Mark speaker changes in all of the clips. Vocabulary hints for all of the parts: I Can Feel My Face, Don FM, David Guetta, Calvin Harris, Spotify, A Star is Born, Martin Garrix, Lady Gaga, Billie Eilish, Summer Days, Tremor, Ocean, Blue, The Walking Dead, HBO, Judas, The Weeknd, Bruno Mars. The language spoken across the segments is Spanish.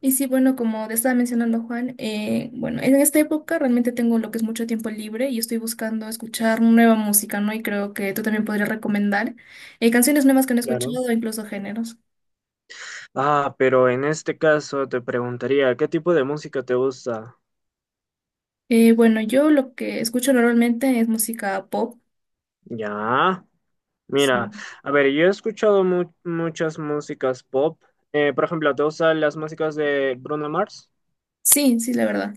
Speaker 1: Y sí, bueno, como te estaba mencionando Juan, bueno, en esta época realmente tengo lo que es mucho tiempo libre y estoy buscando escuchar nueva música, ¿no? Y creo que tú también podrías recomendar canciones nuevas que no he
Speaker 2: Claro.
Speaker 1: escuchado o incluso géneros.
Speaker 2: Ah, pero en este caso te preguntaría, ¿qué tipo de música te gusta?
Speaker 1: Bueno, yo lo que escucho normalmente es música pop.
Speaker 2: Ya,
Speaker 1: Sí,
Speaker 2: mira, a ver, yo he escuchado muchas músicas pop. Por ejemplo, ¿te gustan las músicas de Bruno Mars?
Speaker 1: sí, sí, la verdad.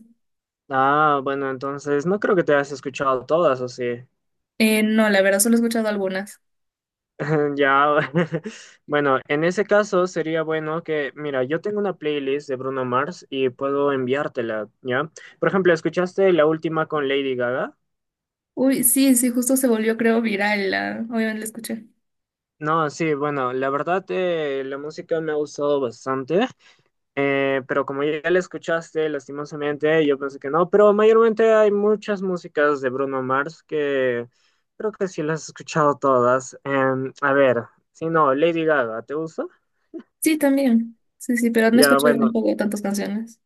Speaker 2: Ah, bueno, entonces no creo que te hayas escuchado todas, ¿o sí?
Speaker 1: No, la verdad, solo he escuchado algunas.
Speaker 2: Ya, bueno, en ese caso sería bueno que, mira, yo tengo una playlist de Bruno Mars y puedo enviártela, ¿ya? Por ejemplo, ¿escuchaste la última con Lady Gaga?
Speaker 1: Uy, sí, sí, justo se volvió, creo, viral. Obviamente la escuché.
Speaker 2: No, sí, bueno, la verdad la música me ha gustado bastante, pero como ya la escuchaste, lastimosamente, yo pensé que no, pero mayormente hay muchas músicas de Bruno Mars que creo que sí las he escuchado todas. A ver, si no, Lady Gaga, ¿te gusta?
Speaker 1: Sí, también. Sí, sí, pero no
Speaker 2: Ya,
Speaker 1: escuché
Speaker 2: bueno,
Speaker 1: tampoco tantas canciones.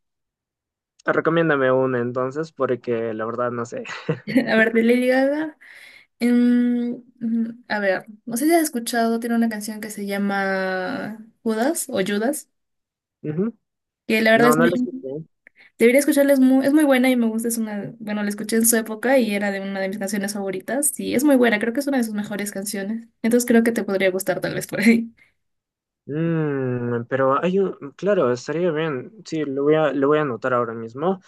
Speaker 2: recomiéndame una entonces, porque la verdad no sé.
Speaker 1: A ver, de Lady Gaga. A ver, no sé si has escuchado, tiene una canción que se llama Judas o Judas,
Speaker 2: Ujú.
Speaker 1: que la verdad
Speaker 2: No,
Speaker 1: es
Speaker 2: no la
Speaker 1: muy,
Speaker 2: escuché.
Speaker 1: debería escucharla, es muy buena y me gusta, es una, bueno, la escuché en su época y era de una de mis canciones favoritas y es muy buena, creo que es una de sus mejores canciones, entonces creo que te podría gustar tal vez por ahí.
Speaker 2: Pero hay un, claro, estaría bien. Sí, lo voy a anotar ahora mismo.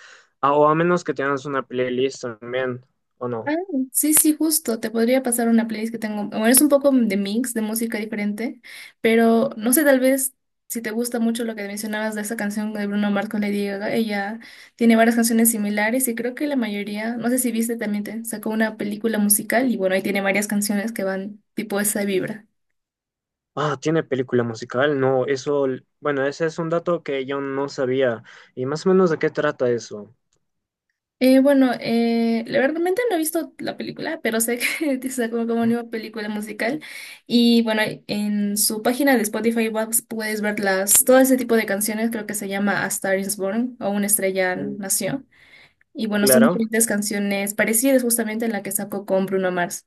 Speaker 2: Ah, o a menos que tengas una playlist también, o
Speaker 1: Ah,
Speaker 2: no.
Speaker 1: sí, sí, justo. Te podría pasar una playlist que tengo. Bueno, es un poco de mix, de música diferente, pero no sé, tal vez si te gusta mucho lo que mencionabas de esa canción de Bruno Mars con Lady Gaga, ella tiene varias canciones similares y creo que la mayoría, no sé si viste, también te sacó una película musical y bueno, ahí tiene varias canciones que van tipo esa vibra.
Speaker 2: Ah, tiene película musical. No, eso, bueno, ese es un dato que yo no sabía. Y más o menos de qué trata eso.
Speaker 1: Bueno, la verdad realmente no he visto la película, pero sé que sacó como nueva película musical. Y bueno, en su página de Spotify puedes ver todo ese tipo de canciones, creo que se llama A Star is Born o Una estrella
Speaker 2: Mm.
Speaker 1: nació. Y bueno, son
Speaker 2: Claro.
Speaker 1: diferentes canciones parecidas justamente a la que sacó con Bruno Mars.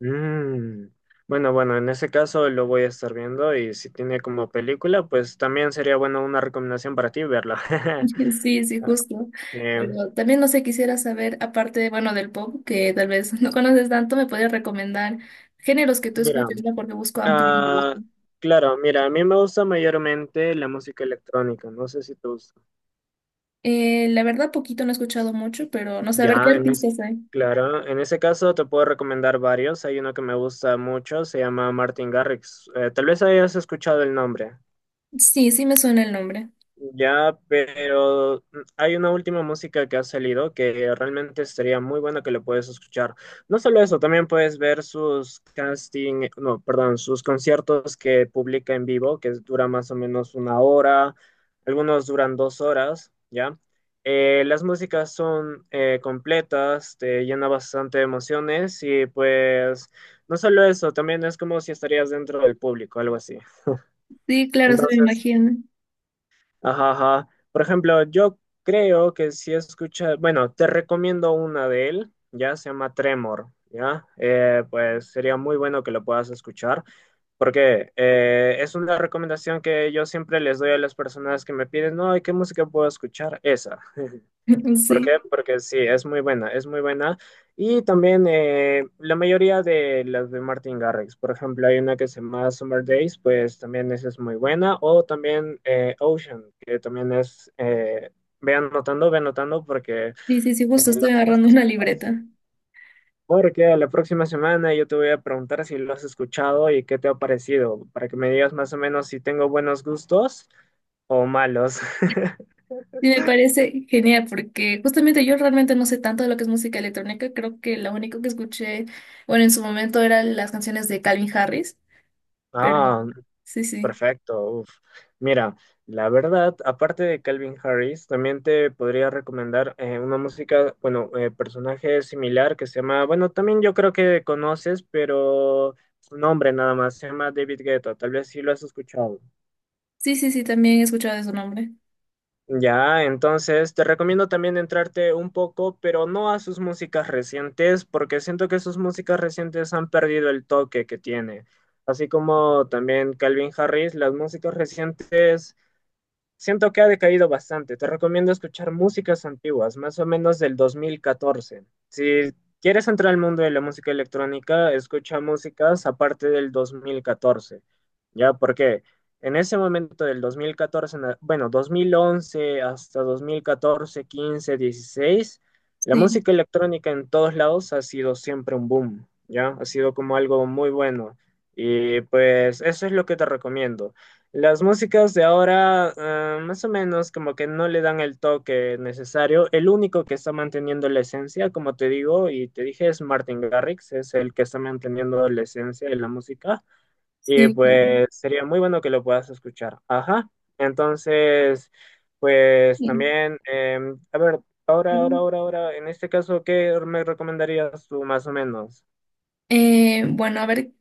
Speaker 2: Mm. Bueno, bueno, en ese caso lo voy a estar viendo y si tiene como película, pues también sería bueno una recomendación para ti verla.
Speaker 1: Sí, sí,
Speaker 2: Ah,
Speaker 1: justo.
Speaker 2: sí.
Speaker 1: Pero también no sé, quisiera saber, aparte, bueno, del pop, que tal vez no conoces tanto, me podrías recomendar géneros que tú
Speaker 2: Mira.
Speaker 1: escuches, ¿no? Porque busco ampliar mi
Speaker 2: Ah,
Speaker 1: gusto.
Speaker 2: claro, mira, a mí me gusta mayormente la música electrónica, no sé si te gusta.
Speaker 1: La verdad, poquito no he escuchado mucho, pero no sé, a ver qué
Speaker 2: Ya, en es
Speaker 1: artistas hay.
Speaker 2: claro, en ese caso te puedo recomendar varios, hay uno que me gusta mucho, se llama Martin Garrix. Tal vez hayas escuchado el nombre.
Speaker 1: Sí, sí me suena el nombre.
Speaker 2: Ya, pero hay una última música que ha salido que realmente estaría muy buena que la puedes escuchar. No solo eso, también puedes ver sus casting, no, perdón, sus conciertos que publica en vivo, que dura más o menos 1 hora, algunos duran 2 horas, ¿ya? Las músicas son completas, te llena bastante de emociones y pues no solo eso, también es como si estarías dentro del público, algo así.
Speaker 1: Sí, claro, se me
Speaker 2: Entonces,
Speaker 1: imagina.
Speaker 2: ajá, ajá. Por ejemplo, yo creo que si escuchas, bueno, te recomiendo una de él, ya se llama Tremor, ya. Pues sería muy bueno que lo puedas escuchar, porque es una recomendación que yo siempre les doy a las personas que me piden, no, ¿y qué música puedo escuchar? Esa. ¿Por
Speaker 1: Sí,
Speaker 2: qué? Porque sí, es muy buena, es muy buena. Y también la mayoría de las de Martin Garrix, por ejemplo, hay una que se llama Summer Days, pues también esa es muy buena. O también Ocean, que también es, ve anotando, porque
Speaker 1: sí, sí, sí, justo
Speaker 2: lo
Speaker 1: estoy
Speaker 2: tienes que
Speaker 1: agarrando una
Speaker 2: escuchar. ¿Sí?
Speaker 1: libreta.
Speaker 2: Porque a la próxima semana yo te voy a preguntar si lo has escuchado y qué te ha parecido, para que me digas más o menos si tengo buenos gustos o malos.
Speaker 1: Sí, me parece genial porque justamente yo realmente no sé tanto de lo que es música electrónica. Creo que lo único que escuché, bueno, en su momento eran las canciones de Calvin Harris, pero
Speaker 2: Ah,
Speaker 1: sí, sí.
Speaker 2: Perfecto. Uf. Mira, la verdad, aparte de Calvin Harris, también te podría recomendar una música, bueno, personaje similar que se llama, bueno, también yo creo que conoces, pero su nombre nada más, se llama David Guetta, tal vez sí lo has escuchado.
Speaker 1: Sí, sí, sí, también he escuchado de su nombre.
Speaker 2: Ya, entonces te recomiendo también entrarte un poco, pero no a sus músicas recientes, porque siento que sus músicas recientes han perdido el toque que tiene. Así como también Calvin Harris, las músicas recientes siento que ha decaído bastante. Te recomiendo escuchar músicas antiguas, más o menos del 2014. Si quieres entrar al mundo de la música electrónica, escucha músicas aparte del 2014. ¿Ya? Porque en ese momento del 2014, bueno, 2011 hasta 2014, 15, 16, la
Speaker 1: Sí,
Speaker 2: música electrónica en todos lados ha sido siempre un boom. ¿Ya? Ha sido como algo muy bueno. Y pues eso es lo que te recomiendo. Las músicas de ahora, ah, más o menos, como que no le dan el toque necesario. El único que está manteniendo la esencia, como te digo y te dije, es Martin Garrix, es el que está manteniendo la esencia de la música. Y
Speaker 1: sí, claro.
Speaker 2: pues sería muy bueno que lo puedas escuchar. Ajá. Entonces, pues también, a ver, ahora, ahora,
Speaker 1: Sí.
Speaker 2: ahora, ahora, en este caso, ¿qué me recomendarías tú más o menos?
Speaker 1: Bueno, a ver,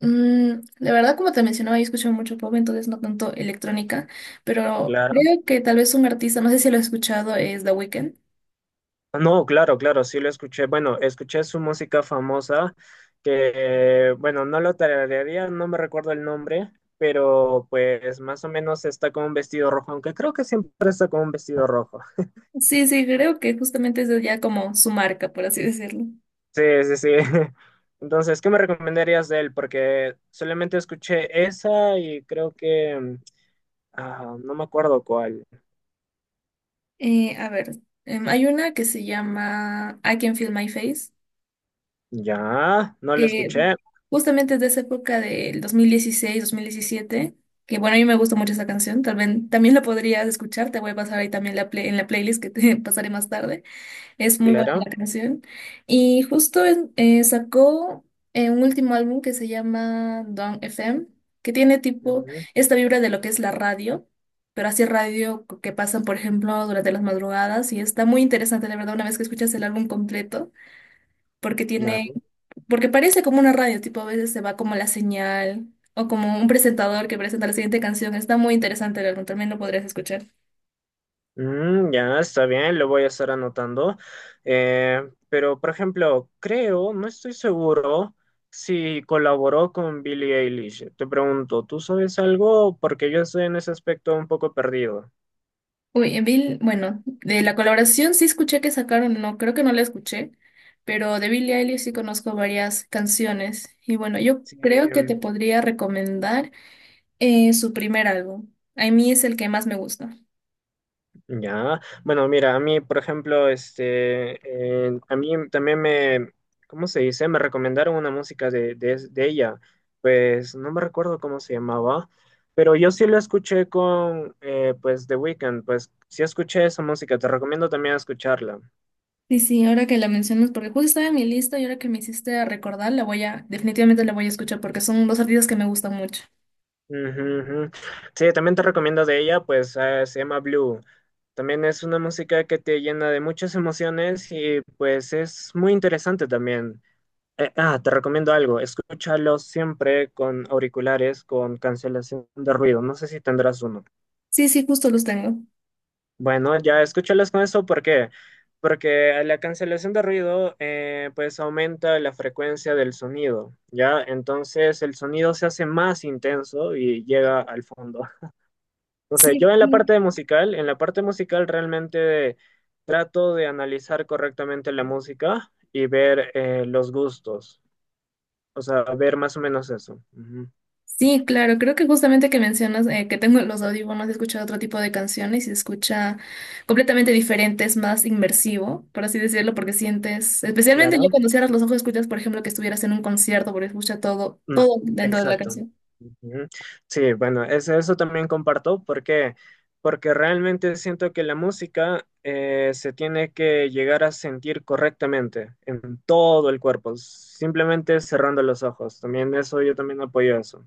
Speaker 1: mm, la verdad, como te mencionaba, yo escucho mucho pop, entonces no tanto electrónica, pero
Speaker 2: Claro.
Speaker 1: creo que tal vez un artista, no sé si lo he escuchado, es The Weeknd.
Speaker 2: No, claro, claro, sí lo escuché. Bueno, escuché su música famosa, que, bueno, no lo tararearía, no me recuerdo el nombre, pero pues más o menos está con un vestido rojo, aunque creo que siempre está con un vestido rojo.
Speaker 1: Sí, sí, creo que justamente es ya como su marca, por así decirlo.
Speaker 2: Sí, sí, sí. Entonces, ¿qué me recomendarías de él? Porque solamente escuché esa y creo que, ah, no me acuerdo cuál.
Speaker 1: A ver, hay una que se llama I Can Feel My Face,
Speaker 2: Ya, no lo
Speaker 1: que
Speaker 2: escuché,
Speaker 1: justamente es de esa época del dos mil dieciséis, 2017, que bueno, a mí me gusta mucho esa canción, tal vez también la podrías escuchar, te voy a pasar ahí también en la playlist que te pasaré más tarde. Es muy buena
Speaker 2: claro.
Speaker 1: la canción. Y justo sacó un último álbum que se llama Don FM, que tiene tipo
Speaker 2: Ujú,
Speaker 1: esta vibra de lo que es la radio, pero así radio que pasan, por ejemplo, durante las madrugadas. Y está muy interesante, de verdad, una vez que escuchas el álbum completo, porque tiene,
Speaker 2: claro.
Speaker 1: porque parece como una radio, tipo a veces se va como la señal o como un presentador que presenta la siguiente canción. Está muy interesante el álbum, también lo podrías escuchar.
Speaker 2: Ya, está bien, lo voy a estar anotando. Eh, pero, por ejemplo, creo, no estoy seguro si colaboró con Billie Eilish. Te pregunto, ¿tú sabes algo? Porque yo estoy en ese aspecto un poco perdido.
Speaker 1: Uy, bueno, de la colaboración sí escuché que sacaron, no, creo que no la escuché, pero de Billie Eilish sí conozco varias canciones. Y bueno, yo
Speaker 2: Sí,
Speaker 1: creo que te podría recomendar su primer álbum. A mí es el que más me gusta.
Speaker 2: ya, bueno, mira, a mí, por ejemplo, este, a mí también me, ¿cómo se dice? Me recomendaron una música de, ella, pues no me recuerdo cómo se llamaba, pero yo sí la escuché con, pues, The Weeknd, pues sí escuché esa música, te recomiendo también escucharla.
Speaker 1: Sí, sí, ahora que la mencionas, porque justo estaba en mi lista y ahora que me hiciste recordar, la voy a, definitivamente la voy a escuchar porque son dos artistas que me gustan mucho.
Speaker 2: Ujú, ujú. Sí, también te recomiendo de ella, pues se llama Blue. También es una música que te llena de muchas emociones y pues es muy interesante también. Te recomiendo algo. Escúchalo siempre con auriculares, con cancelación de ruido. No sé si tendrás uno.
Speaker 1: Sí, sí, justo los tengo.
Speaker 2: Bueno, ya escúchalos con eso. ¿Por qué? Porque la cancelación de ruido, pues aumenta la frecuencia del sonido, ¿ya? Entonces el sonido se hace más intenso y llega al fondo. Entonces,
Speaker 1: Sí.
Speaker 2: yo en la parte de musical, en la parte musical realmente trato de analizar correctamente la música y ver los gustos. O sea, ver más o menos eso. Ujú.
Speaker 1: Sí, claro, creo que justamente que mencionas que tengo los audífonos, he escuchado otro tipo de canciones y se escucha completamente diferente, es más inmersivo, por así decirlo, porque sientes, especialmente yo
Speaker 2: Claro,
Speaker 1: cuando cierras los ojos escuchas, por ejemplo, que estuvieras en un concierto, porque escucha todo,
Speaker 2: no,
Speaker 1: todo dentro de la
Speaker 2: exacto.
Speaker 1: canción.
Speaker 2: Ujú. Sí, bueno, eso también comparto. Porque realmente siento que la música se tiene que llegar a sentir correctamente en todo el cuerpo, simplemente cerrando los ojos. También eso, yo también apoyo eso.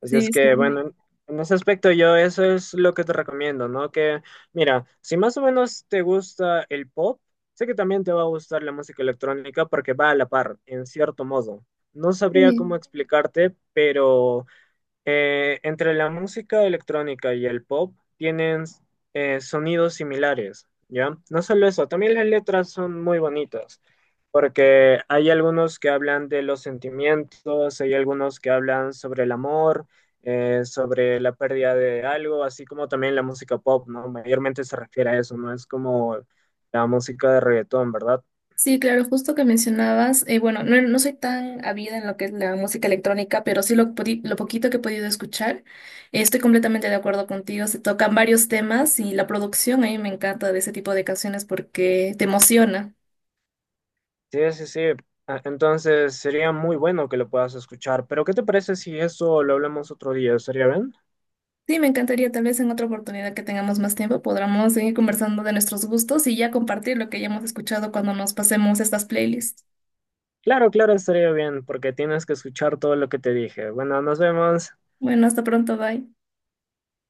Speaker 2: Así
Speaker 1: Sí,
Speaker 2: es
Speaker 1: sí.
Speaker 2: que, bueno, en ese aspecto yo eso es lo que te recomiendo, ¿no? Que, mira, si más o menos te gusta el pop, sé que también te va a gustar la música electrónica porque va a la par, en cierto modo. No sabría cómo
Speaker 1: Sí.
Speaker 2: explicarte, pero entre la música electrónica y el pop tienen sonidos similares, ¿ya? No solo eso, también las letras son muy bonitas, porque hay algunos que hablan de los sentimientos, hay algunos que hablan sobre el amor, sobre la pérdida de algo, así como también la música pop, ¿no? Mayormente se refiere a eso, no es como la música de reggaetón, ¿verdad?
Speaker 1: Sí, claro, justo que mencionabas, bueno, no, no soy tan avida en lo que es la música electrónica, pero sí lo poquito que he podido escuchar, estoy completamente de acuerdo contigo, se tocan varios temas y la producción a mí me encanta de ese tipo de canciones porque te emociona.
Speaker 2: Sí, sí, sí. Ah, entonces sería muy bueno que lo puedas escuchar, pero ¿qué te parece si eso lo hablamos otro día? ¿Estaría bien?
Speaker 1: Sí, me encantaría tal vez en otra oportunidad que tengamos más tiempo podamos seguir conversando de nuestros gustos y ya compartir lo que hayamos escuchado cuando nos pasemos estas playlists.
Speaker 2: Claro, claro, estaría bien, porque tienes que escuchar todo lo que te dije. Bueno, nos vemos.
Speaker 1: Bueno, hasta pronto, bye.